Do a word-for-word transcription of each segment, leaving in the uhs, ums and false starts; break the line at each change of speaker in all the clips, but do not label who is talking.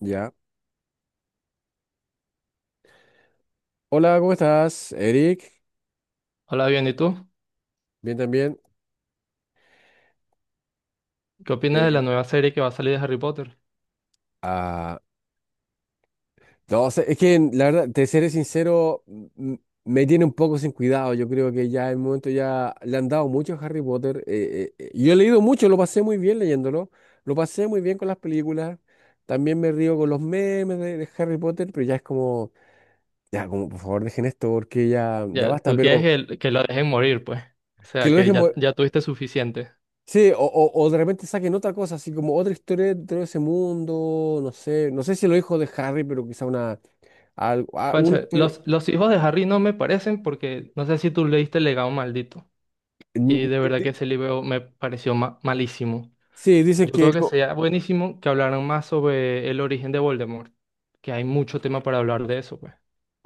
Ya. Hola, ¿cómo estás, Eric?
Hola, bien, ¿y tú?
Bien también.
¿Qué opinas de la
Eh,
nueva serie que va a salir de Harry Potter?
ah, no, o sea, es que la verdad, te seré sincero, m- m- me tiene un poco sin cuidado. Yo creo que ya en el momento ya le han dado mucho a Harry Potter. Eh, eh, eh, yo he leído mucho, lo pasé muy bien leyéndolo. Lo pasé muy bien con las películas. También me río con los memes de, de Harry Potter, pero ya es como, ya, como, por favor, dejen esto porque ya, ya
Ya,
basta.
tú quieres
Pero
que, el- que lo dejen morir, pues. O
que
sea,
lo
que
dejen.
ya, ya tuviste suficiente.
Sí, o, o, o de repente saquen otra cosa, así como otra historia dentro de ese mundo, no sé, no sé si lo dijo de Harry, pero quizá una, algo, ah, una
Concha,
historia.
los, los hijos de Harry no me parecen porque no sé si tú leíste El legado maldito.
Mm,
Y de
di-
verdad que
di-
ese libro me pareció ma- malísimo.
Sí, dicen
Yo
que.
creo que
co-
sería buenísimo que hablaran más sobre el origen de Voldemort, que hay mucho tema para hablar de eso, pues.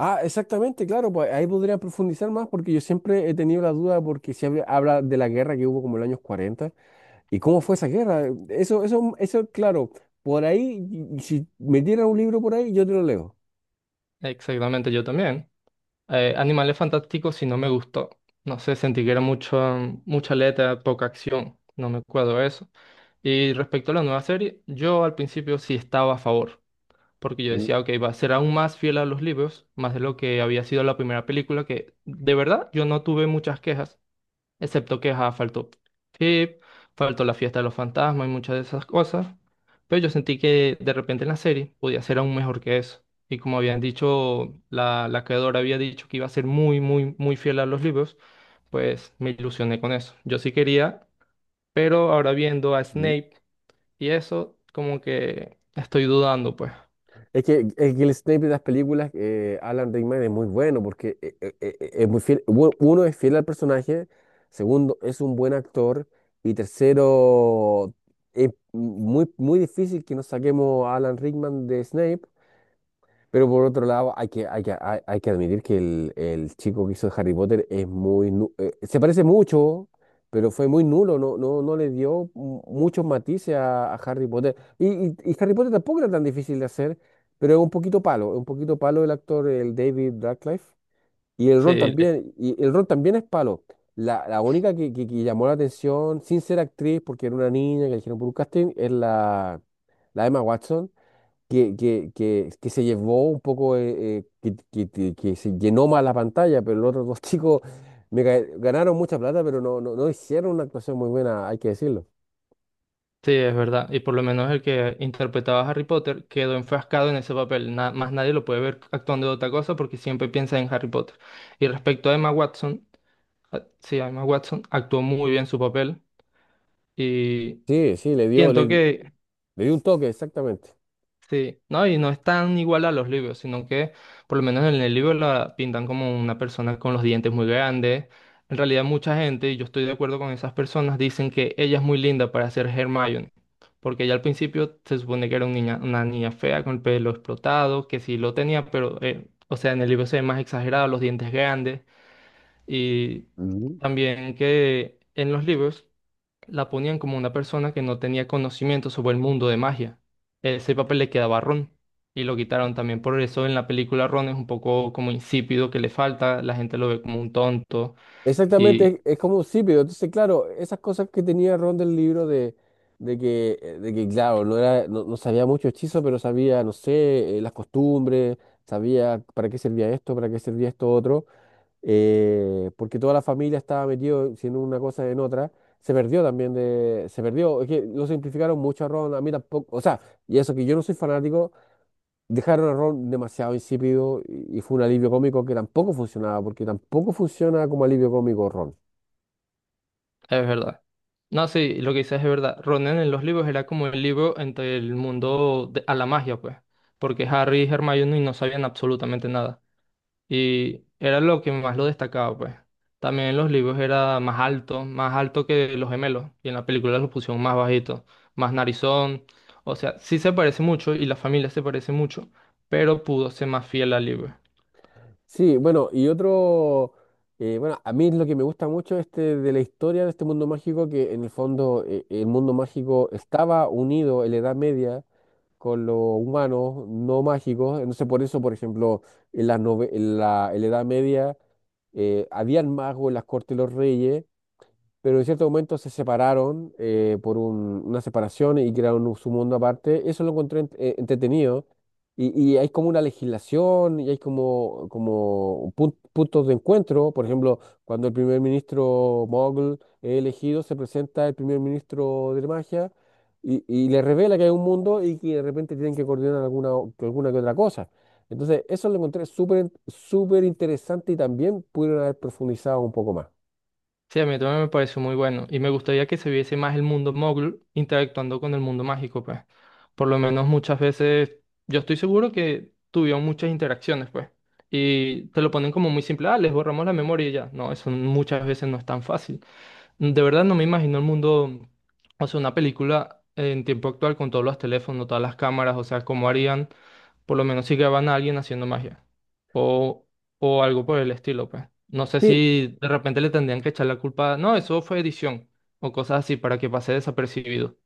Ah, exactamente, claro, pues ahí podría profundizar más porque yo siempre he tenido la duda porque se habla, habla de la guerra que hubo como en los años cuarenta y cómo fue esa guerra. eh, Eso, eso, eso, claro, por ahí, y- y si me dieran un libro por ahí, yo te lo leo.
Exactamente, yo también. Eh, Animales Fantásticos sí no me gustó. No sé, sentí que era mucho, mucha letra, poca acción. No me acuerdo de eso. Y respecto a la nueva serie, yo al principio sí estaba a favor. Porque yo
Mm,
decía, ok, va a ser aún más fiel a los libros, más de lo que había sido la primera película, que de verdad yo no tuve muchas quejas. Excepto que ajá, faltó F I P, faltó la fiesta de los fantasmas y muchas de esas cosas. Pero yo sentí que de repente en la serie podía ser aún mejor que eso. Y como habían dicho, la, la creadora había dicho que iba a ser muy, muy, muy fiel a los libros, pues me ilusioné con eso. Yo sí quería, pero ahora viendo a
mm.
Snape y eso, como que estoy dudando, pues.
Es que, es que el Snape de las películas, eh, Alan Rickman, es muy bueno porque eh, eh, eh, eh, es muy fiel. u- Uno es fiel al personaje, segundo es un buen actor y tercero es muy, muy difícil que nos saquemos a Alan Rickman de Snape, pero por otro lado, hay que, hay que, hay, hay que admitir que el, el chico que hizo Harry Potter es muy, nu- eh, se parece mucho, pero fue muy nulo, no, no, no le dio mu- muchos matices a, a Harry Potter. Y, y, y Harry Potter tampoco era tan difícil de hacer, pero es un poquito palo, es un poquito palo el actor, el David Radcliffe. Y el Ron
Sí,
también, y el Ron también es palo. La, la única que, que, que llamó la atención, sin ser actriz, porque era una niña que eligieron por un casting, es la, la Emma Watson que, que, que, que se llevó un poco, eh, eh, que, que- que- que se llenó más la pantalla, pero los otros dos chicos me ga- ganaron mucha plata, pero no, no, no hicieron una actuación muy buena, hay que decirlo.
sí, es verdad. Y por lo menos el que interpretaba a Harry Potter quedó enfrascado en ese papel. Na- más nadie lo puede ver actuando de otra cosa porque siempre piensa en Harry Potter. Y respecto a Emma Watson, a- sí, a Emma Watson actuó muy bien su papel y
Sí, sí, le dio, le,
siento que
le dio un toque, exactamente.
sí, no, y no es tan igual a los libros, sino que por lo menos en el libro la pintan como una persona con los dientes muy grandes. En realidad mucha gente, y yo estoy de acuerdo con esas personas, dicen que ella es muy linda para ser Hermione, porque ella al principio se supone que era un niña- una niña fea con el pelo explotado, que sí lo tenía, pero, eh, o sea, en el libro se ve más exagerado, los dientes grandes, y
Ujú.
también que en los libros la ponían como una persona que no tenía conocimiento sobre el mundo de magia. Ese papel le quedaba a Ron y lo quitaron también. Por eso en la película Ron es un poco como insípido, que le falta, la gente lo ve como un tonto
Exactamente,
y
es, es como sí, pero entonces, claro, esas cosas que tenía Ron del libro de, de que, eh, de que, claro, no era, no, no sabía mucho hechizo, pero sabía, no sé, eh, las costumbres, sabía para qué servía esto, para qué servía esto otro. Eh, porque toda la familia estaba metido, si en una cosa, en otra. Se perdió también de, se perdió, es que lo simplificaron mucho a Ron, a mí tampoco, o sea, y eso que yo no soy fanático, dejaron a Ron demasiado insípido y, y fue un alivio cómico que tampoco funcionaba, porque tampoco funciona como alivio cómico Ron.
es verdad. No, sí, lo que dices es verdad. Ron en los libros era como el libro entre el mundo de- a la magia, pues, porque Harry y Hermione no sabían absolutamente nada. Y era lo que más lo destacaba, pues. También en los libros era más alto, más alto que los gemelos. Y en la película lo pusieron más bajito, más narizón. O sea, sí se parece mucho y la familia se parece mucho, pero pudo ser más fiel al libro.
Sí, bueno, y otro, eh, bueno, a mí lo que me gusta mucho este de la historia de este mundo mágico, que en el fondo eh, el mundo mágico estaba unido en la Edad Media con los humanos no mágicos. Entonces, por eso, por ejemplo, en la, en la, en la Edad Media eh, habían magos en las cortes de los reyes, pero en cierto momento se separaron, eh, por un- una separación y crearon un- su mundo aparte. Eso lo encontré ent- eh, entretenido. Y, y hay como una legislación y hay como, como pun- puntos de encuentro. Por ejemplo, cuando el primer ministro Mogul es elegido, se presenta el primer ministro de magia y, y le revela que hay un mundo y que de repente tienen que coordinar alguna, o- alguna que otra cosa. Entonces, eso lo encontré súper, súper interesante y también pudieron haber profundizado un poco más.
Sí, a mí también me pareció muy bueno. Y me gustaría que se viese más el mundo mogul interactuando con el mundo mágico, pues. Por lo menos muchas veces, yo estoy seguro que tuvieron muchas interacciones, pues. Y te lo ponen como muy simple, ah, les borramos la memoria y ya. No, eso muchas veces no es tan fácil. De verdad no me imagino el mundo, o sea, una película en tiempo actual con todos los teléfonos, todas las cámaras, o sea, cómo harían, por lo menos si graban a alguien haciendo magia o, o algo por el estilo, pues. No sé
Sí.
si de repente le tendrían que echar la culpa, no, eso fue edición o cosas así para que pase desapercibido.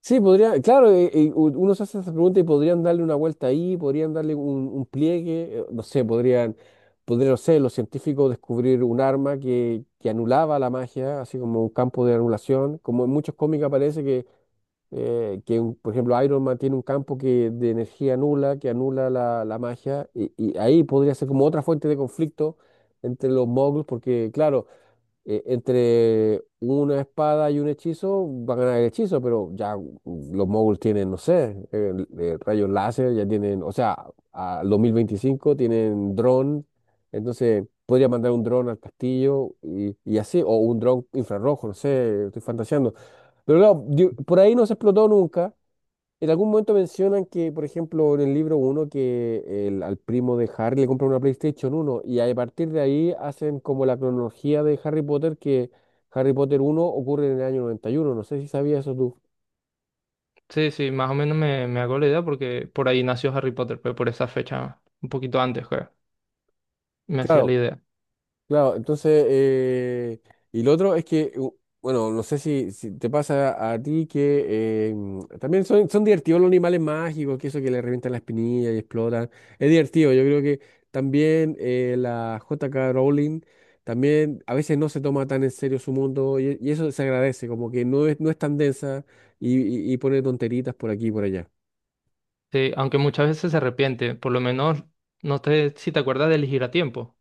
Sí, podría, claro, eh, eh, u- uno se hace esa pregunta y podrían darle una vuelta ahí, podrían darle un, un pliegue, eh, no sé, podrían, podrían, no sé, los científicos descubrir un arma que, que anulaba la magia, así como un campo de anulación, como en muchos cómics aparece que, eh, que un- por ejemplo, Iron Man tiene un campo que, de energía nula, que anula la, la magia, y, y ahí podría ser como otra fuente de conflicto entre los moguls, porque claro, eh, entre una espada y un hechizo, va a ganar el hechizo, pero ya mm, los moguls tienen, no sé, eh, eh, rayos láser, ya tienen, o sea, al dos mil veinticinco tienen dron, entonces podría mandar un dron al castillo y, y así, o un dron infrarrojo, no sé, estoy fantaseando. Pero claro, di- por ahí no se explotó nunca. En algún momento mencionan que, por ejemplo, en el libro uno que el, al primo de Harry le compra una PlayStation uno y a partir de ahí hacen como la cronología de Harry Potter, que Harry Potter uno ocurre en el año noventa y uno. No sé si sabías eso tú.
Sí, sí, más o menos me, me hago la idea porque por ahí nació Harry Potter, pero por esa fecha, un poquito antes, pues, me hacía la
Claro.
idea.
Claro, entonces, eh, y lo otro es que, u- bueno, no sé si, si te pasa a ti que eh, mm, también son, son divertidos los animales mágicos, que eso que le revientan la espinilla y explotan. Es divertido, yo creo que también eh, la J K. Rowling también a veces no se toma tan en serio su mundo y, y eso se agradece, como que no es, no es tan densa y, y, y pone tonteritas por aquí y por allá.
Sí, aunque muchas veces se arrepiente, por lo menos no te, si te acuerdas de elegir a tiempo.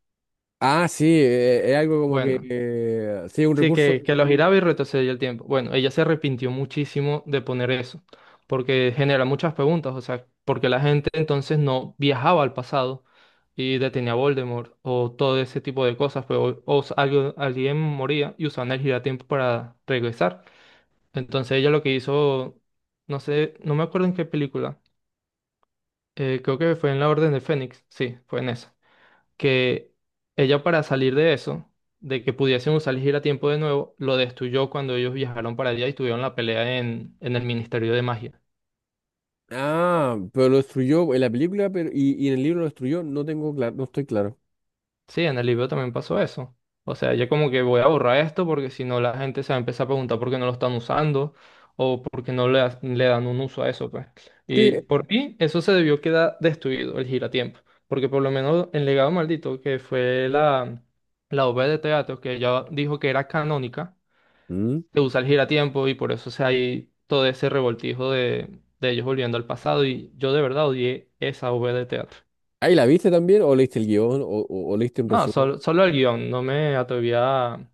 Ah, sí, eh, es algo como que,
Bueno,
eh, sí, un
sí, que,
recurso
que lo
muy.
giraba y retrocedía el tiempo. Bueno, ella se arrepintió muchísimo de poner eso, porque genera muchas preguntas, o sea, porque la gente entonces no viajaba al pasado y detenía a Voldemort o todo ese tipo de cosas, pero o, s- algo- alguien moría y usaban el giratiempo para regresar. Entonces ella lo que hizo, no sé, no me acuerdo en qué película, eh, creo que fue en La Orden de Fénix, sí, fue en esa que ella para salir de eso, de que pudiesen usar el giratiempo de nuevo, lo destruyó cuando ellos viajaron para allá y tuvieron la pelea en, en el Ministerio de Magia.
Ah, pero lo destruyó en la película pero, y, y en el libro lo destruyó. No tengo claro, no estoy claro.
Sí, en el libro también pasó eso. O sea, ella como que voy a borrar esto porque si no la gente se va a empezar a preguntar por qué no lo están usando o por qué no le, ha- le dan un uso a eso, pues.
Sí.
Y por mí, eso se debió quedar destruido, el giratiempo. Porque por lo menos el legado maldito, que fue la, la obra de teatro que ella dijo que era canónica,
Mm.
que usa el giratiempo y por eso se hay todo ese revoltijo de, de ellos volviendo al pasado y yo de verdad odié esa V de teatro.
¿Ahí la viste también? ¿O leíste el guión? ¿O, o- o leíste un
No,
resumen?
solo, solo el guión, no me atrevía a,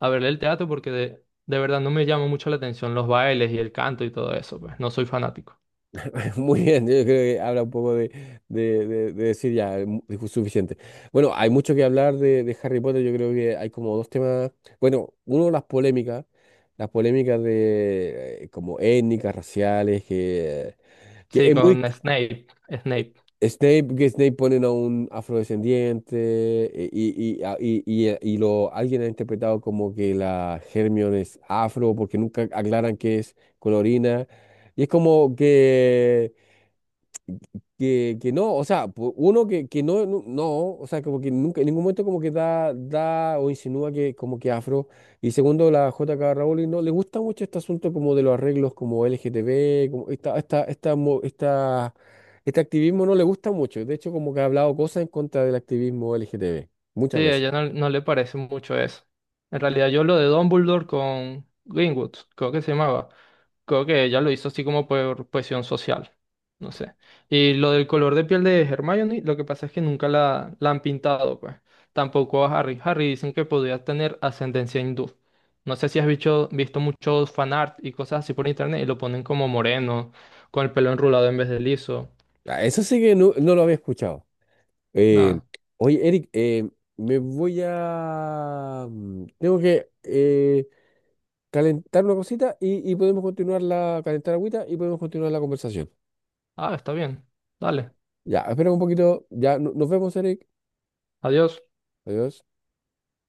a verle el teatro porque de, de verdad no me llama mucho la atención los bailes y el canto y todo eso, pues no soy fanático.
Muy bien, yo creo que habla un poco de, de- de- de decir ya, mu- dijo suficiente. Bueno, hay mucho que hablar de, de Harry Potter. Yo creo que hay como dos temas. Bueno, uno, las polémicas. Las polémicas de eh, como étnicas, raciales, que, que
Sí,
es muy,
con Snape, Snape.
Snape, que Snape ponen a un afrodescendiente eh, y, y, a- y- y, eh, y lo, alguien ha interpretado como que la Hermione es afro porque nunca aclaran que es colorina. Y es como que que, que no, o sea, pu- uno que, que no, no, no, o sea, como que nunca, en ningún momento como que da, da o insinúa que como que afro, y segundo, la J K Rowling no le gusta mucho este asunto como de los arreglos como L G L G T B, como esta, esta, esta, mo- esta, este activismo no le gusta mucho, de hecho como que ha hablado cosas en contra del activismo L G T B
Sí,
muchas
a
veces.
ella no, no le parece mucho eso. En realidad yo lo de Dumbledore con Greenwood, creo que se llamaba, creo que ella lo hizo así como por presión social, no sé. Y lo del color de piel de Hermione, lo que pasa es que nunca la, la han pintado, pues. Tampoco a Harry. Harry dicen que podría tener ascendencia hindú. No sé si has visto, visto muchos fanart y cosas así por internet y lo ponen como moreno, con el pelo enrulado en vez de liso.
Ah, eso sí que no, no lo había escuchado. Eh,
Nada.
oye, Eric, eh, me voy a. mm, Tengo que. Eh, calentar una cosita y, y podemos continuar la, calentar agüita y podemos continuar la conversación.
Ah, está bien. Dale.
Ya, espera un poquito. Ya, no- nos vemos, Eric.
Adiós.
Adiós.